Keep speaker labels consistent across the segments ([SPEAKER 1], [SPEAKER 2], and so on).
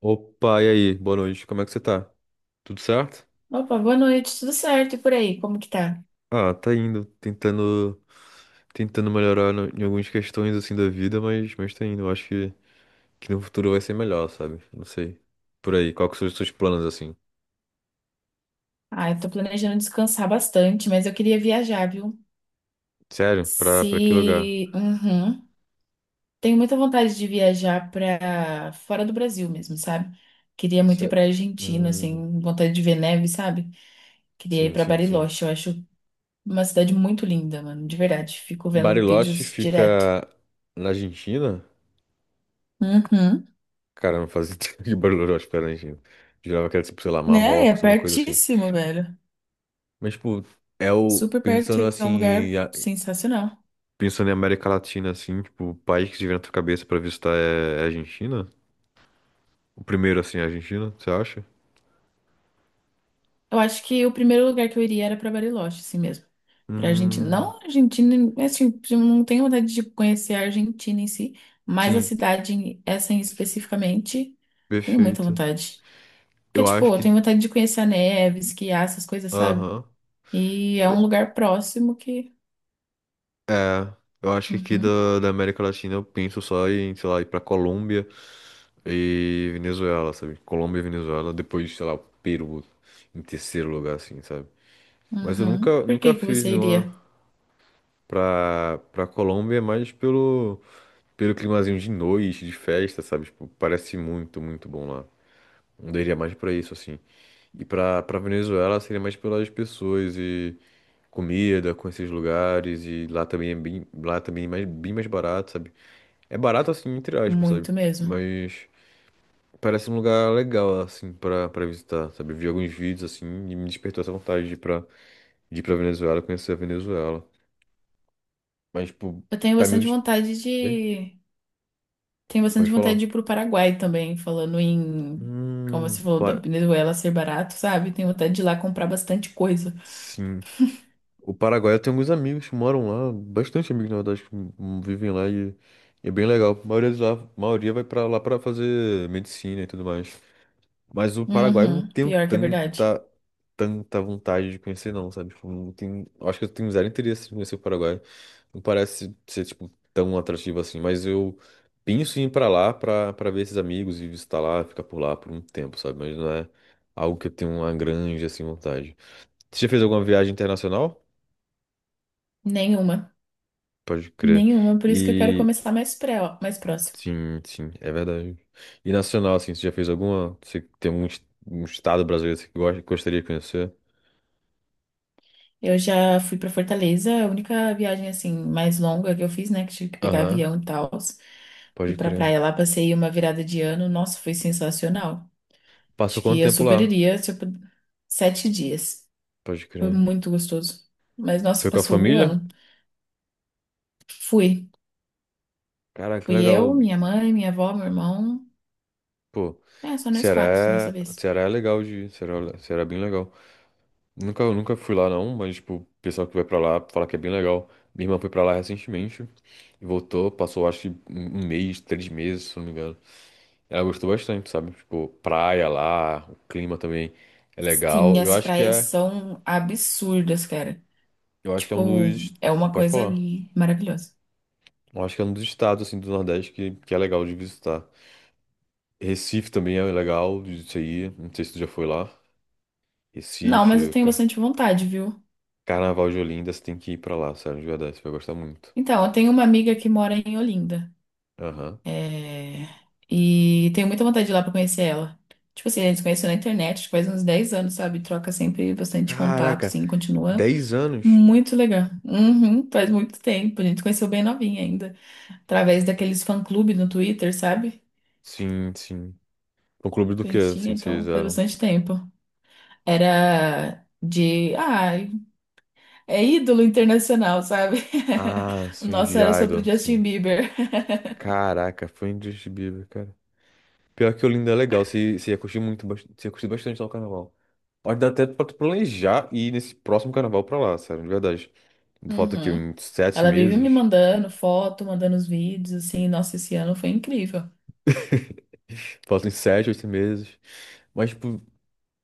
[SPEAKER 1] Opa, e aí? Boa noite. Como é que você tá? Tudo certo?
[SPEAKER 2] Opa, boa noite, tudo certo? E por aí, como que tá?
[SPEAKER 1] Ah, tá indo, tentando melhorar em algumas questões assim da vida, mas tá indo. Eu acho que no futuro vai ser melhor, sabe? Não sei. Por aí, qual que são os seus planos assim?
[SPEAKER 2] Ah, eu tô planejando descansar bastante, mas eu queria viajar, viu?
[SPEAKER 1] Sério? Pra que lugar?
[SPEAKER 2] Se. Uhum. Tenho muita vontade de viajar pra fora do Brasil mesmo, sabe? Queria muito ir
[SPEAKER 1] Sé-
[SPEAKER 2] pra Argentina,
[SPEAKER 1] Hum,
[SPEAKER 2] assim, vontade de ver neve, sabe? Queria ir
[SPEAKER 1] sim,
[SPEAKER 2] pra
[SPEAKER 1] sim, sim.
[SPEAKER 2] Bariloche, eu acho uma cidade muito linda, mano, de verdade. Fico vendo
[SPEAKER 1] Bariloche
[SPEAKER 2] vídeos direto.
[SPEAKER 1] fica na Argentina?
[SPEAKER 2] Uhum.
[SPEAKER 1] Cara, eu não fazia ideia que Bariloche fica na Argentina. Jurava que era tipo, sei lá,
[SPEAKER 2] Né? É
[SPEAKER 1] Marrocos, alguma coisa assim.
[SPEAKER 2] pertíssimo, velho.
[SPEAKER 1] Mas, tipo, é o
[SPEAKER 2] Super perto,
[SPEAKER 1] pensando
[SPEAKER 2] é um
[SPEAKER 1] assim,
[SPEAKER 2] lugar sensacional.
[SPEAKER 1] pensando em América Latina, assim, tipo, o país que te vem na tua cabeça pra visitar é a Argentina? O primeiro, assim, é a Argentina, você acha?
[SPEAKER 2] Eu acho que o primeiro lugar que eu iria era pra Bariloche, assim mesmo. Pra Argentina.
[SPEAKER 1] Hum,
[SPEAKER 2] Não Argentina, assim, eu não tenho vontade de conhecer a Argentina em si, mas a
[SPEAKER 1] sim,
[SPEAKER 2] cidade, essa em especificamente, tenho muita
[SPEAKER 1] perfeito.
[SPEAKER 2] vontade. Porque,
[SPEAKER 1] Eu acho
[SPEAKER 2] tipo, eu
[SPEAKER 1] que.
[SPEAKER 2] tenho vontade de conhecer a neve, esquiar, essas coisas, sabe?
[SPEAKER 1] Aham.
[SPEAKER 2] E é um
[SPEAKER 1] Eu-
[SPEAKER 2] lugar próximo que.
[SPEAKER 1] É, eu acho que aqui
[SPEAKER 2] Uhum,
[SPEAKER 1] da América Latina eu penso só em, sei lá, ir pra Colômbia e Venezuela, sabe? Colômbia e Venezuela, depois, sei lá, o Peru em terceiro lugar, assim, sabe? Mas eu
[SPEAKER 2] uhum.
[SPEAKER 1] nunca,
[SPEAKER 2] Por
[SPEAKER 1] nunca
[SPEAKER 2] que que
[SPEAKER 1] fiz
[SPEAKER 2] você
[SPEAKER 1] nenhuma
[SPEAKER 2] iria?
[SPEAKER 1] pra Colômbia, é mais pelo. Pelo climazinho de noite, de festa, sabe? Tipo, parece muito, muito bom lá. Eu iria mais pra isso, assim. E pra Venezuela seria mais pelas pessoas e comida, conhecer os lugares. E lá também é bem, lá também é mais, bem mais barato, sabe? É barato, assim, entre aspas, sabe?
[SPEAKER 2] Muito mesmo.
[SPEAKER 1] Mas parece um lugar legal, assim, pra visitar, sabe? Eu vi alguns vídeos, assim, e me despertou essa vontade de ir pra Venezuela, conhecer a Venezuela. Mas, tipo,
[SPEAKER 2] Eu tenho
[SPEAKER 1] tá meio...
[SPEAKER 2] bastante vontade
[SPEAKER 1] Oi?
[SPEAKER 2] de. Tenho
[SPEAKER 1] Pode
[SPEAKER 2] bastante vontade
[SPEAKER 1] falar.
[SPEAKER 2] de ir pro Paraguai também, falando em, como você falou, da
[SPEAKER 1] Para...
[SPEAKER 2] Venezuela ser barato, sabe? Tenho vontade de ir lá comprar bastante coisa.
[SPEAKER 1] Sim. O Paraguai, eu tenho alguns amigos que moram lá, bastante amigos, na verdade, que vivem lá e é bem legal. A maioria de lá, a maioria vai pra lá pra fazer medicina e tudo mais. Mas o Paraguai eu não
[SPEAKER 2] Uhum,
[SPEAKER 1] tenho
[SPEAKER 2] pior que é verdade.
[SPEAKER 1] tanta, tanta vontade de conhecer, não, sabe? Tipo, não tenho, eu acho que eu tenho zero interesse em conhecer o Paraguai. Não parece ser, tipo, tão atrativo assim, mas eu penso em ir pra lá pra ver esses amigos e visitar lá, ficar por lá por um tempo, sabe? Mas não é algo que eu tenho uma grande, assim, vontade. Você já fez alguma viagem internacional?
[SPEAKER 2] Nenhuma.
[SPEAKER 1] Pode crer.
[SPEAKER 2] Nenhuma, por isso que eu quero
[SPEAKER 1] E
[SPEAKER 2] começar mais próximo.
[SPEAKER 1] sim, sim, é verdade. E nacional, assim, você já fez alguma? Você tem algum um estado brasileiro que você gosta, gostaria de conhecer?
[SPEAKER 2] Eu já fui pra Fortaleza, a única viagem assim mais longa que eu fiz, né, que tive que pegar
[SPEAKER 1] Aham,
[SPEAKER 2] avião e tal. Fui
[SPEAKER 1] pode
[SPEAKER 2] pra praia
[SPEAKER 1] crer.
[SPEAKER 2] lá, passei uma virada de ano. Nossa, foi sensacional.
[SPEAKER 1] Passou
[SPEAKER 2] Acho que
[SPEAKER 1] quanto
[SPEAKER 2] eu
[SPEAKER 1] tempo
[SPEAKER 2] super
[SPEAKER 1] lá?
[SPEAKER 2] iria, tipo, 7 dias.
[SPEAKER 1] Pode
[SPEAKER 2] Foi
[SPEAKER 1] crer.
[SPEAKER 2] muito gostoso. Mas, nossa,
[SPEAKER 1] Foi com a
[SPEAKER 2] passou
[SPEAKER 1] família?
[SPEAKER 2] voando. Fui.
[SPEAKER 1] Cara, que
[SPEAKER 2] Fui
[SPEAKER 1] legal.
[SPEAKER 2] eu, minha mãe, minha avó, meu irmão.
[SPEAKER 1] Pô,
[SPEAKER 2] É, só nós
[SPEAKER 1] Ceará
[SPEAKER 2] quatro dessa vez.
[SPEAKER 1] Ceará é legal de ir. Ceará, Ceará é bem legal. Nunca, eu nunca fui lá não, mas, tipo, o pessoal que vai pra lá fala que é bem legal. Minha irmã foi pra lá recentemente e voltou, passou acho que um mês, 3 meses, se não me engano. Ela gostou bastante, sabe? Tipo, praia lá, o clima também é
[SPEAKER 2] Sim,
[SPEAKER 1] legal. Eu
[SPEAKER 2] as
[SPEAKER 1] acho que
[SPEAKER 2] praias
[SPEAKER 1] é,
[SPEAKER 2] são absurdas, cara.
[SPEAKER 1] eu acho que é um
[SPEAKER 2] Tipo,
[SPEAKER 1] dos,
[SPEAKER 2] é uma
[SPEAKER 1] pode
[SPEAKER 2] coisa
[SPEAKER 1] falar.
[SPEAKER 2] maravilhosa.
[SPEAKER 1] Eu acho que é um dos estados assim do Nordeste que é legal de visitar. Recife também é legal de ir. Não sei se tu já foi lá.
[SPEAKER 2] Não, mas eu
[SPEAKER 1] Recife,
[SPEAKER 2] tenho bastante vontade, viu?
[SPEAKER 1] Carnaval de Olinda, você tem que ir pra lá, sério, de verdade, você vai gostar muito.
[SPEAKER 2] Então, eu tenho uma amiga que mora em Olinda.
[SPEAKER 1] Aham.
[SPEAKER 2] É, e tenho muita vontade de ir lá pra conhecer ela. Tipo assim, a gente se conheceu na internet tipo, faz uns 10 anos, sabe? Troca sempre bastante contato,
[SPEAKER 1] Caraca,
[SPEAKER 2] assim, continua
[SPEAKER 1] 10 anos?
[SPEAKER 2] muito legal. Uhum, faz muito tempo. A gente se conheceu bem novinha ainda, através daqueles fã-clube no Twitter, sabe?
[SPEAKER 1] Sim, sim. No clube do
[SPEAKER 2] Que a
[SPEAKER 1] quê,
[SPEAKER 2] gente tinha,
[SPEAKER 1] assim, vocês
[SPEAKER 2] então faz
[SPEAKER 1] eram?
[SPEAKER 2] bastante tempo. Era de. Ai, é ídolo internacional, sabe?
[SPEAKER 1] Ah,
[SPEAKER 2] O
[SPEAKER 1] sim,
[SPEAKER 2] nosso
[SPEAKER 1] de
[SPEAKER 2] era sobre o
[SPEAKER 1] Idol,
[SPEAKER 2] Justin
[SPEAKER 1] sim.
[SPEAKER 2] Bieber.
[SPEAKER 1] Caraca, foi indescritível, pior que Olinda é legal, se ia curtir muito, se ia curtir bastante lá o carnaval. Pode dar até pra tu planejar ir nesse próximo carnaval pra lá, sério, de verdade. Falta aqui
[SPEAKER 2] Uhum.
[SPEAKER 1] uns sete
[SPEAKER 2] Ela vive me
[SPEAKER 1] meses,
[SPEAKER 2] mandando foto, mandando os vídeos, assim. Nossa, esse ano foi incrível.
[SPEAKER 1] falta uns 7, 8 meses. Mas, tipo,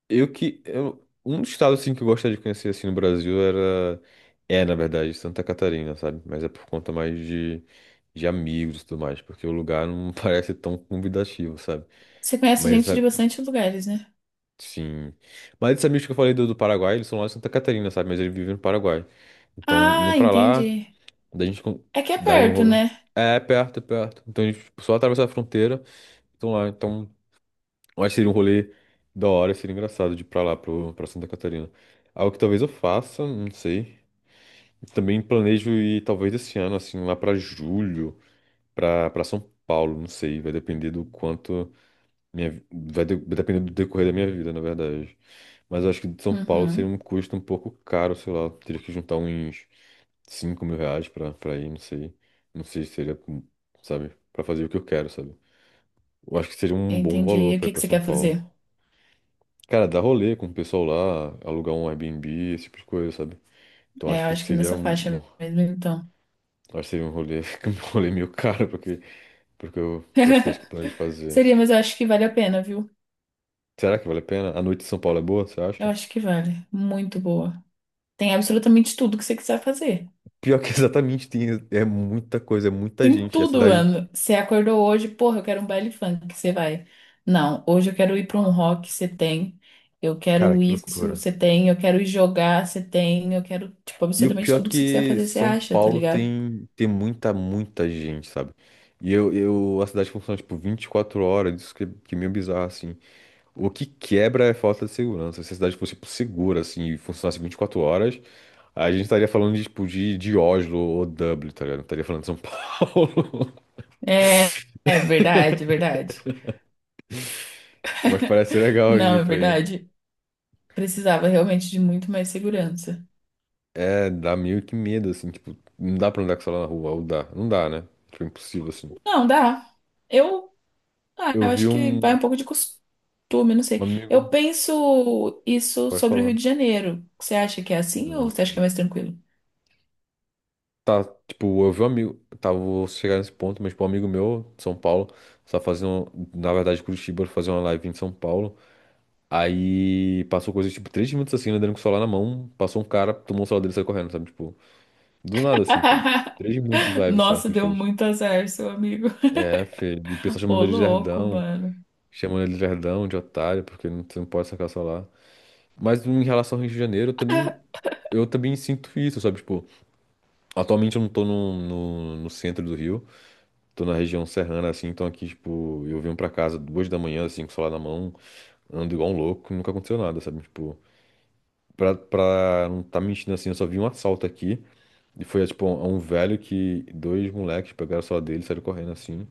[SPEAKER 1] eu que. Eu, um dos estados, assim, que eu gostaria de conhecer, assim, no Brasil era. É, na verdade, Santa Catarina, sabe? Mas é por conta mais de amigos e tudo mais, porque o lugar não parece tão convidativo, sabe?
[SPEAKER 2] Você conhece
[SPEAKER 1] Mas
[SPEAKER 2] gente de
[SPEAKER 1] a-
[SPEAKER 2] bastante lugares, né?
[SPEAKER 1] Sim. Mas esses amigos que eu falei do, do Paraguai, eles são lá de Santa Catarina, sabe? Mas eles vivem no Paraguai. Então, indo
[SPEAKER 2] Ah,
[SPEAKER 1] pra lá,
[SPEAKER 2] entendi.
[SPEAKER 1] daí a gente
[SPEAKER 2] É que é
[SPEAKER 1] daria um
[SPEAKER 2] perto,
[SPEAKER 1] rolo.
[SPEAKER 2] né?
[SPEAKER 1] É, perto, é perto. Então, a gente tipo, só atravessa a fronteira. Então, lá, então, eu acho que seria um rolê da hora, seria engraçado de ir pra lá, pro, pra Santa Catarina. Algo que talvez eu faça, não sei. Também planejo ir, talvez, esse ano, assim, lá pra julho, pra São Paulo, não sei. Vai depender do quanto. Minha, vai depender do decorrer da minha vida, na verdade. Mas eu acho que de São Paulo seria
[SPEAKER 2] Uhum.
[SPEAKER 1] um custo um pouco caro, sei lá. Teria que juntar uns 5 mil reais pra ir, não sei. Não sei se seria, sabe, pra fazer o que eu quero, sabe? Eu acho que seria um bom
[SPEAKER 2] Entendi.
[SPEAKER 1] valor
[SPEAKER 2] E o
[SPEAKER 1] pra ir
[SPEAKER 2] que que
[SPEAKER 1] pra
[SPEAKER 2] você
[SPEAKER 1] São
[SPEAKER 2] quer
[SPEAKER 1] Paulo.
[SPEAKER 2] fazer?
[SPEAKER 1] Cara, dar rolê com o pessoal lá, alugar um Airbnb, esse tipo de coisa, sabe? Então
[SPEAKER 2] É,
[SPEAKER 1] acho
[SPEAKER 2] eu
[SPEAKER 1] que
[SPEAKER 2] acho que
[SPEAKER 1] seria
[SPEAKER 2] nessa
[SPEAKER 1] um,
[SPEAKER 2] faixa
[SPEAKER 1] acho
[SPEAKER 2] mesmo, então.
[SPEAKER 1] que seria um rolê, um rolê meio caro, porque, porque eu, para as coisas que eu planejo fazer.
[SPEAKER 2] Seria, mas eu acho que vale a pena, viu?
[SPEAKER 1] Será que vale a pena? A noite em São Paulo é boa, você
[SPEAKER 2] Eu
[SPEAKER 1] acha?
[SPEAKER 2] acho que vale. Muito boa. Tem absolutamente tudo que você quiser fazer.
[SPEAKER 1] Pior que exatamente tem, é muita coisa, é muita
[SPEAKER 2] Tem
[SPEAKER 1] gente. E a
[SPEAKER 2] tudo,
[SPEAKER 1] cidade,
[SPEAKER 2] mano. Você acordou hoje, porra, eu quero um baile funk, você vai. Não, hoje eu quero ir pra um rock, você tem. Eu
[SPEAKER 1] cara,
[SPEAKER 2] quero
[SPEAKER 1] que
[SPEAKER 2] isso,
[SPEAKER 1] loucura.
[SPEAKER 2] você tem. Eu quero ir jogar, você tem. Eu quero, tipo,
[SPEAKER 1] E o
[SPEAKER 2] absolutamente
[SPEAKER 1] pior é
[SPEAKER 2] tudo que você quiser
[SPEAKER 1] que
[SPEAKER 2] fazer, você
[SPEAKER 1] São
[SPEAKER 2] acha, tá
[SPEAKER 1] Paulo
[SPEAKER 2] ligado?
[SPEAKER 1] tem, tem muita, muita gente, sabe? E a cidade funciona tipo 24 horas, isso que é meio bizarro, assim. O que quebra é a falta de segurança. Se a cidade fosse tipo, segura, assim, e funcionasse 24 horas, a gente estaria falando de, tipo, de Oslo ou Dublin, tá ligado? Não estaria falando de São Paulo.
[SPEAKER 2] É, é verdade, é verdade.
[SPEAKER 1] Mas parece legal de
[SPEAKER 2] Não,
[SPEAKER 1] ir
[SPEAKER 2] é
[SPEAKER 1] pra aí.
[SPEAKER 2] verdade. Precisava realmente de muito mais segurança.
[SPEAKER 1] É, dá meio que medo, assim, tipo, não dá pra andar com o celular na rua, ou dá, não dá, né? Tipo, impossível, assim.
[SPEAKER 2] Não, dá. Eu Ah,
[SPEAKER 1] Eu
[SPEAKER 2] eu
[SPEAKER 1] vi
[SPEAKER 2] acho que vai
[SPEAKER 1] um
[SPEAKER 2] um pouco de costume, não
[SPEAKER 1] um
[SPEAKER 2] sei. Eu
[SPEAKER 1] amigo,
[SPEAKER 2] penso isso
[SPEAKER 1] pode
[SPEAKER 2] sobre o
[SPEAKER 1] falar.
[SPEAKER 2] Rio de Janeiro. Você acha que é assim ou você acha
[SPEAKER 1] Hum.
[SPEAKER 2] que é mais tranquilo?
[SPEAKER 1] Tá, tipo, eu vi um amigo, tá, vou chegar nesse ponto, mas, tipo, um amigo meu, de São Paulo, tá fazendo, na verdade, Curitiba, fazer uma live em São Paulo, aí passou coisa, tipo, três minutos, assim, ele andando com o celular na mão, passou um cara, tomou o celular dele e saiu correndo, sabe, tipo, do nada, assim, tipo, 3 minutos de live só
[SPEAKER 2] Nossa,
[SPEAKER 1] que ele
[SPEAKER 2] deu
[SPEAKER 1] fez.
[SPEAKER 2] muito azar, seu amigo.
[SPEAKER 1] É, filho, e o pessoal
[SPEAKER 2] Ô,
[SPEAKER 1] chamando ele de
[SPEAKER 2] louco,
[SPEAKER 1] lerdão,
[SPEAKER 2] mano.
[SPEAKER 1] chamando ele de lerdão, de otário, porque não, você não pode sacar o celular. Mas em relação ao Rio de Janeiro, eu também sinto isso, sabe? Tipo, atualmente eu não tô no centro do Rio, tô na região serrana, assim, então aqui, tipo, eu venho pra casa 2 da manhã, assim, com o celular na mão, ando igual um louco, nunca aconteceu nada, sabe? Tipo, pra não tá mentindo assim, eu só vi um assalto aqui, e foi, tipo, um velho que dois moleques pegaram o celular dele, saíram correndo, assim,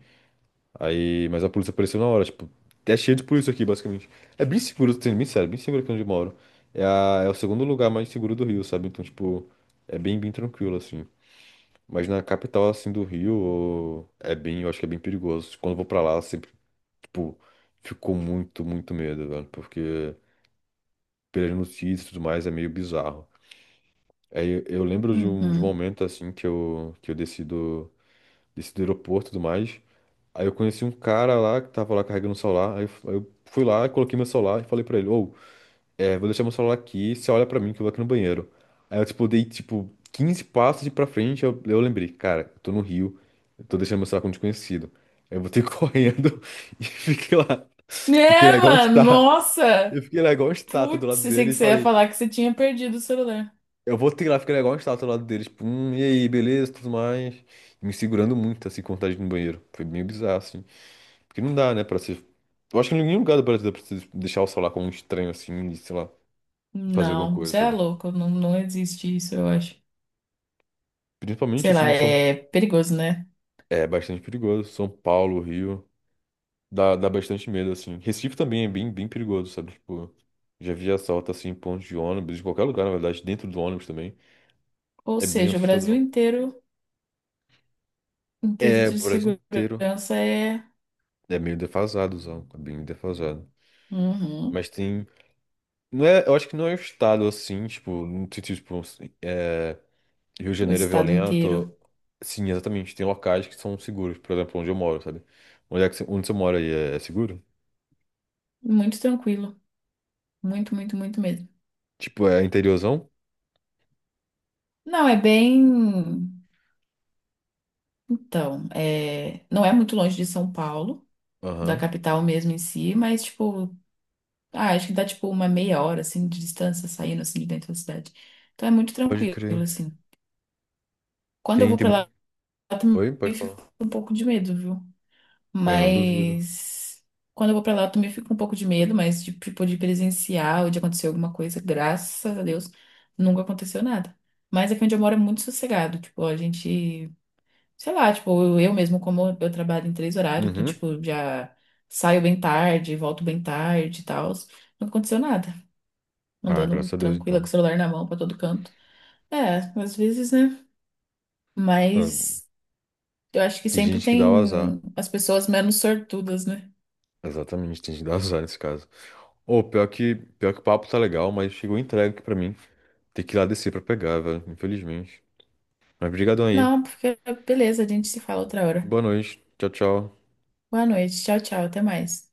[SPEAKER 1] aí, mas a polícia apareceu na hora, tipo, é cheio de polícia aqui, basicamente. É bem seguro, sendo bem sério, bem seguro aqui onde eu moro. É, é o segundo lugar mais seguro do Rio, sabe? Então, tipo, é bem, bem tranquilo, assim. Mas na capital, assim, do Rio, ô, é bem, eu acho que é bem perigoso. Quando eu vou pra lá, sempre, tipo, ficou muito, muito medo, velho. Porque pelas notícias e tudo mais, é meio bizarro. Aí eu lembro de um
[SPEAKER 2] Uhum.
[SPEAKER 1] momento, assim, que eu desci do aeroporto e tudo mais. Aí eu conheci um cara lá que tava lá carregando o celular. Aí eu fui lá, coloquei meu celular e falei pra ele: Ô, é, vou deixar meu celular aqui, você olha pra mim que eu vou aqui no banheiro. Aí eu, tipo, dei, tipo, 15 passos de pra frente. Eu lembrei: Cara, eu tô no Rio, eu tô deixando meu celular com um desconhecido. Aí eu voltei correndo e fiquei lá. Fiquei lá
[SPEAKER 2] É,
[SPEAKER 1] igual uma
[SPEAKER 2] mano,
[SPEAKER 1] estátua. Eu
[SPEAKER 2] nossa!
[SPEAKER 1] fiquei lá igual uma estátua do
[SPEAKER 2] Putz,
[SPEAKER 1] lado
[SPEAKER 2] eu sei que
[SPEAKER 1] dele e
[SPEAKER 2] você ia
[SPEAKER 1] falei:
[SPEAKER 2] falar que você tinha perdido o celular.
[SPEAKER 1] Eu vou ter lá, fiquei lá igual uma estátua do lado dele. Tipo, e aí, beleza, tudo mais. Me segurando muito, assim, com vontade de ir no banheiro. Foi meio bizarro, assim. Porque não dá, né, pra se. Eu acho que em nenhum lugar do Brasil dá pra se deixar o celular com um estranho assim e, sei lá, fazer alguma
[SPEAKER 2] Não,
[SPEAKER 1] coisa,
[SPEAKER 2] você é
[SPEAKER 1] sabe?
[SPEAKER 2] louco, não, não existe isso, eu acho.
[SPEAKER 1] Principalmente
[SPEAKER 2] Sei
[SPEAKER 1] assim,
[SPEAKER 2] lá,
[SPEAKER 1] em São.
[SPEAKER 2] é perigoso, né?
[SPEAKER 1] É bastante perigoso. São Paulo, Rio. Dá, dá bastante medo, assim. Recife também é bem, bem perigoso, sabe? Tipo, já vi assalto assim em pontos de ônibus, em qualquer lugar, na verdade, dentro do ônibus também.
[SPEAKER 2] Ou
[SPEAKER 1] É bem
[SPEAKER 2] seja, o Brasil
[SPEAKER 1] assustador.
[SPEAKER 2] inteiro, em
[SPEAKER 1] É, o
[SPEAKER 2] quesito de
[SPEAKER 1] Brasil inteiro.
[SPEAKER 2] segurança, é.
[SPEAKER 1] É meio defasado, Zão. É bem defasado.
[SPEAKER 2] Uhum.
[SPEAKER 1] Mas tem. Não é, eu acho que não é o estado assim, tipo, não sei, tipo, é, Rio de
[SPEAKER 2] O
[SPEAKER 1] Janeiro é
[SPEAKER 2] estado
[SPEAKER 1] violento.
[SPEAKER 2] inteiro.
[SPEAKER 1] Sim, exatamente. Tem locais que são seguros, por exemplo, onde eu moro, sabe? Onde é que você, onde você mora aí é, é seguro?
[SPEAKER 2] Muito tranquilo. Muito, muito, muito mesmo.
[SPEAKER 1] Tipo, é interiorzão?
[SPEAKER 2] Não, é bem. Então, não é muito longe de São Paulo, da
[SPEAKER 1] Aham.
[SPEAKER 2] capital mesmo em si, mas, tipo, ah, acho que dá, tipo, uma meia hora, assim, de distância saindo, assim, de dentro da cidade. Então é muito
[SPEAKER 1] Pode
[SPEAKER 2] tranquilo,
[SPEAKER 1] crer.
[SPEAKER 2] assim. Quando eu
[SPEAKER 1] Tem,
[SPEAKER 2] vou
[SPEAKER 1] tem
[SPEAKER 2] pra
[SPEAKER 1] muito.
[SPEAKER 2] lá, eu também
[SPEAKER 1] Oi, pode
[SPEAKER 2] fico
[SPEAKER 1] falar.
[SPEAKER 2] com um pouco de medo, viu?
[SPEAKER 1] Eu não duvido.
[SPEAKER 2] Mas quando eu vou pra lá, eu também fico um pouco de medo, mas de, tipo, de presenciar ou de acontecer alguma coisa, graças a Deus, nunca aconteceu nada. Mas aqui onde eu moro é muito sossegado, tipo, a gente, sei lá, tipo, eu mesmo, como eu trabalho em três horários, então,
[SPEAKER 1] Uhum.
[SPEAKER 2] tipo, já saio bem tarde, volto bem tarde e tal, nunca aconteceu nada.
[SPEAKER 1] Ah,
[SPEAKER 2] Andando
[SPEAKER 1] graças a Deus,
[SPEAKER 2] tranquila com o
[SPEAKER 1] então.
[SPEAKER 2] celular na mão pra todo canto. É, às vezes, né?
[SPEAKER 1] Ah,
[SPEAKER 2] Mas eu acho que
[SPEAKER 1] tem
[SPEAKER 2] sempre
[SPEAKER 1] gente que dá
[SPEAKER 2] tem
[SPEAKER 1] o azar.
[SPEAKER 2] as pessoas menos sortudas, né?
[SPEAKER 1] Exatamente, tem gente que dá o azar nesse caso. Ô, pior que o papo tá legal, mas chegou entregue aqui pra mim. Tem que ir lá descer pra pegar, velho, infelizmente. Mas brigadão aí.
[SPEAKER 2] Não, porque beleza, a gente se fala outra hora.
[SPEAKER 1] Boa noite. Tchau, tchau.
[SPEAKER 2] Boa noite, tchau, tchau, até mais.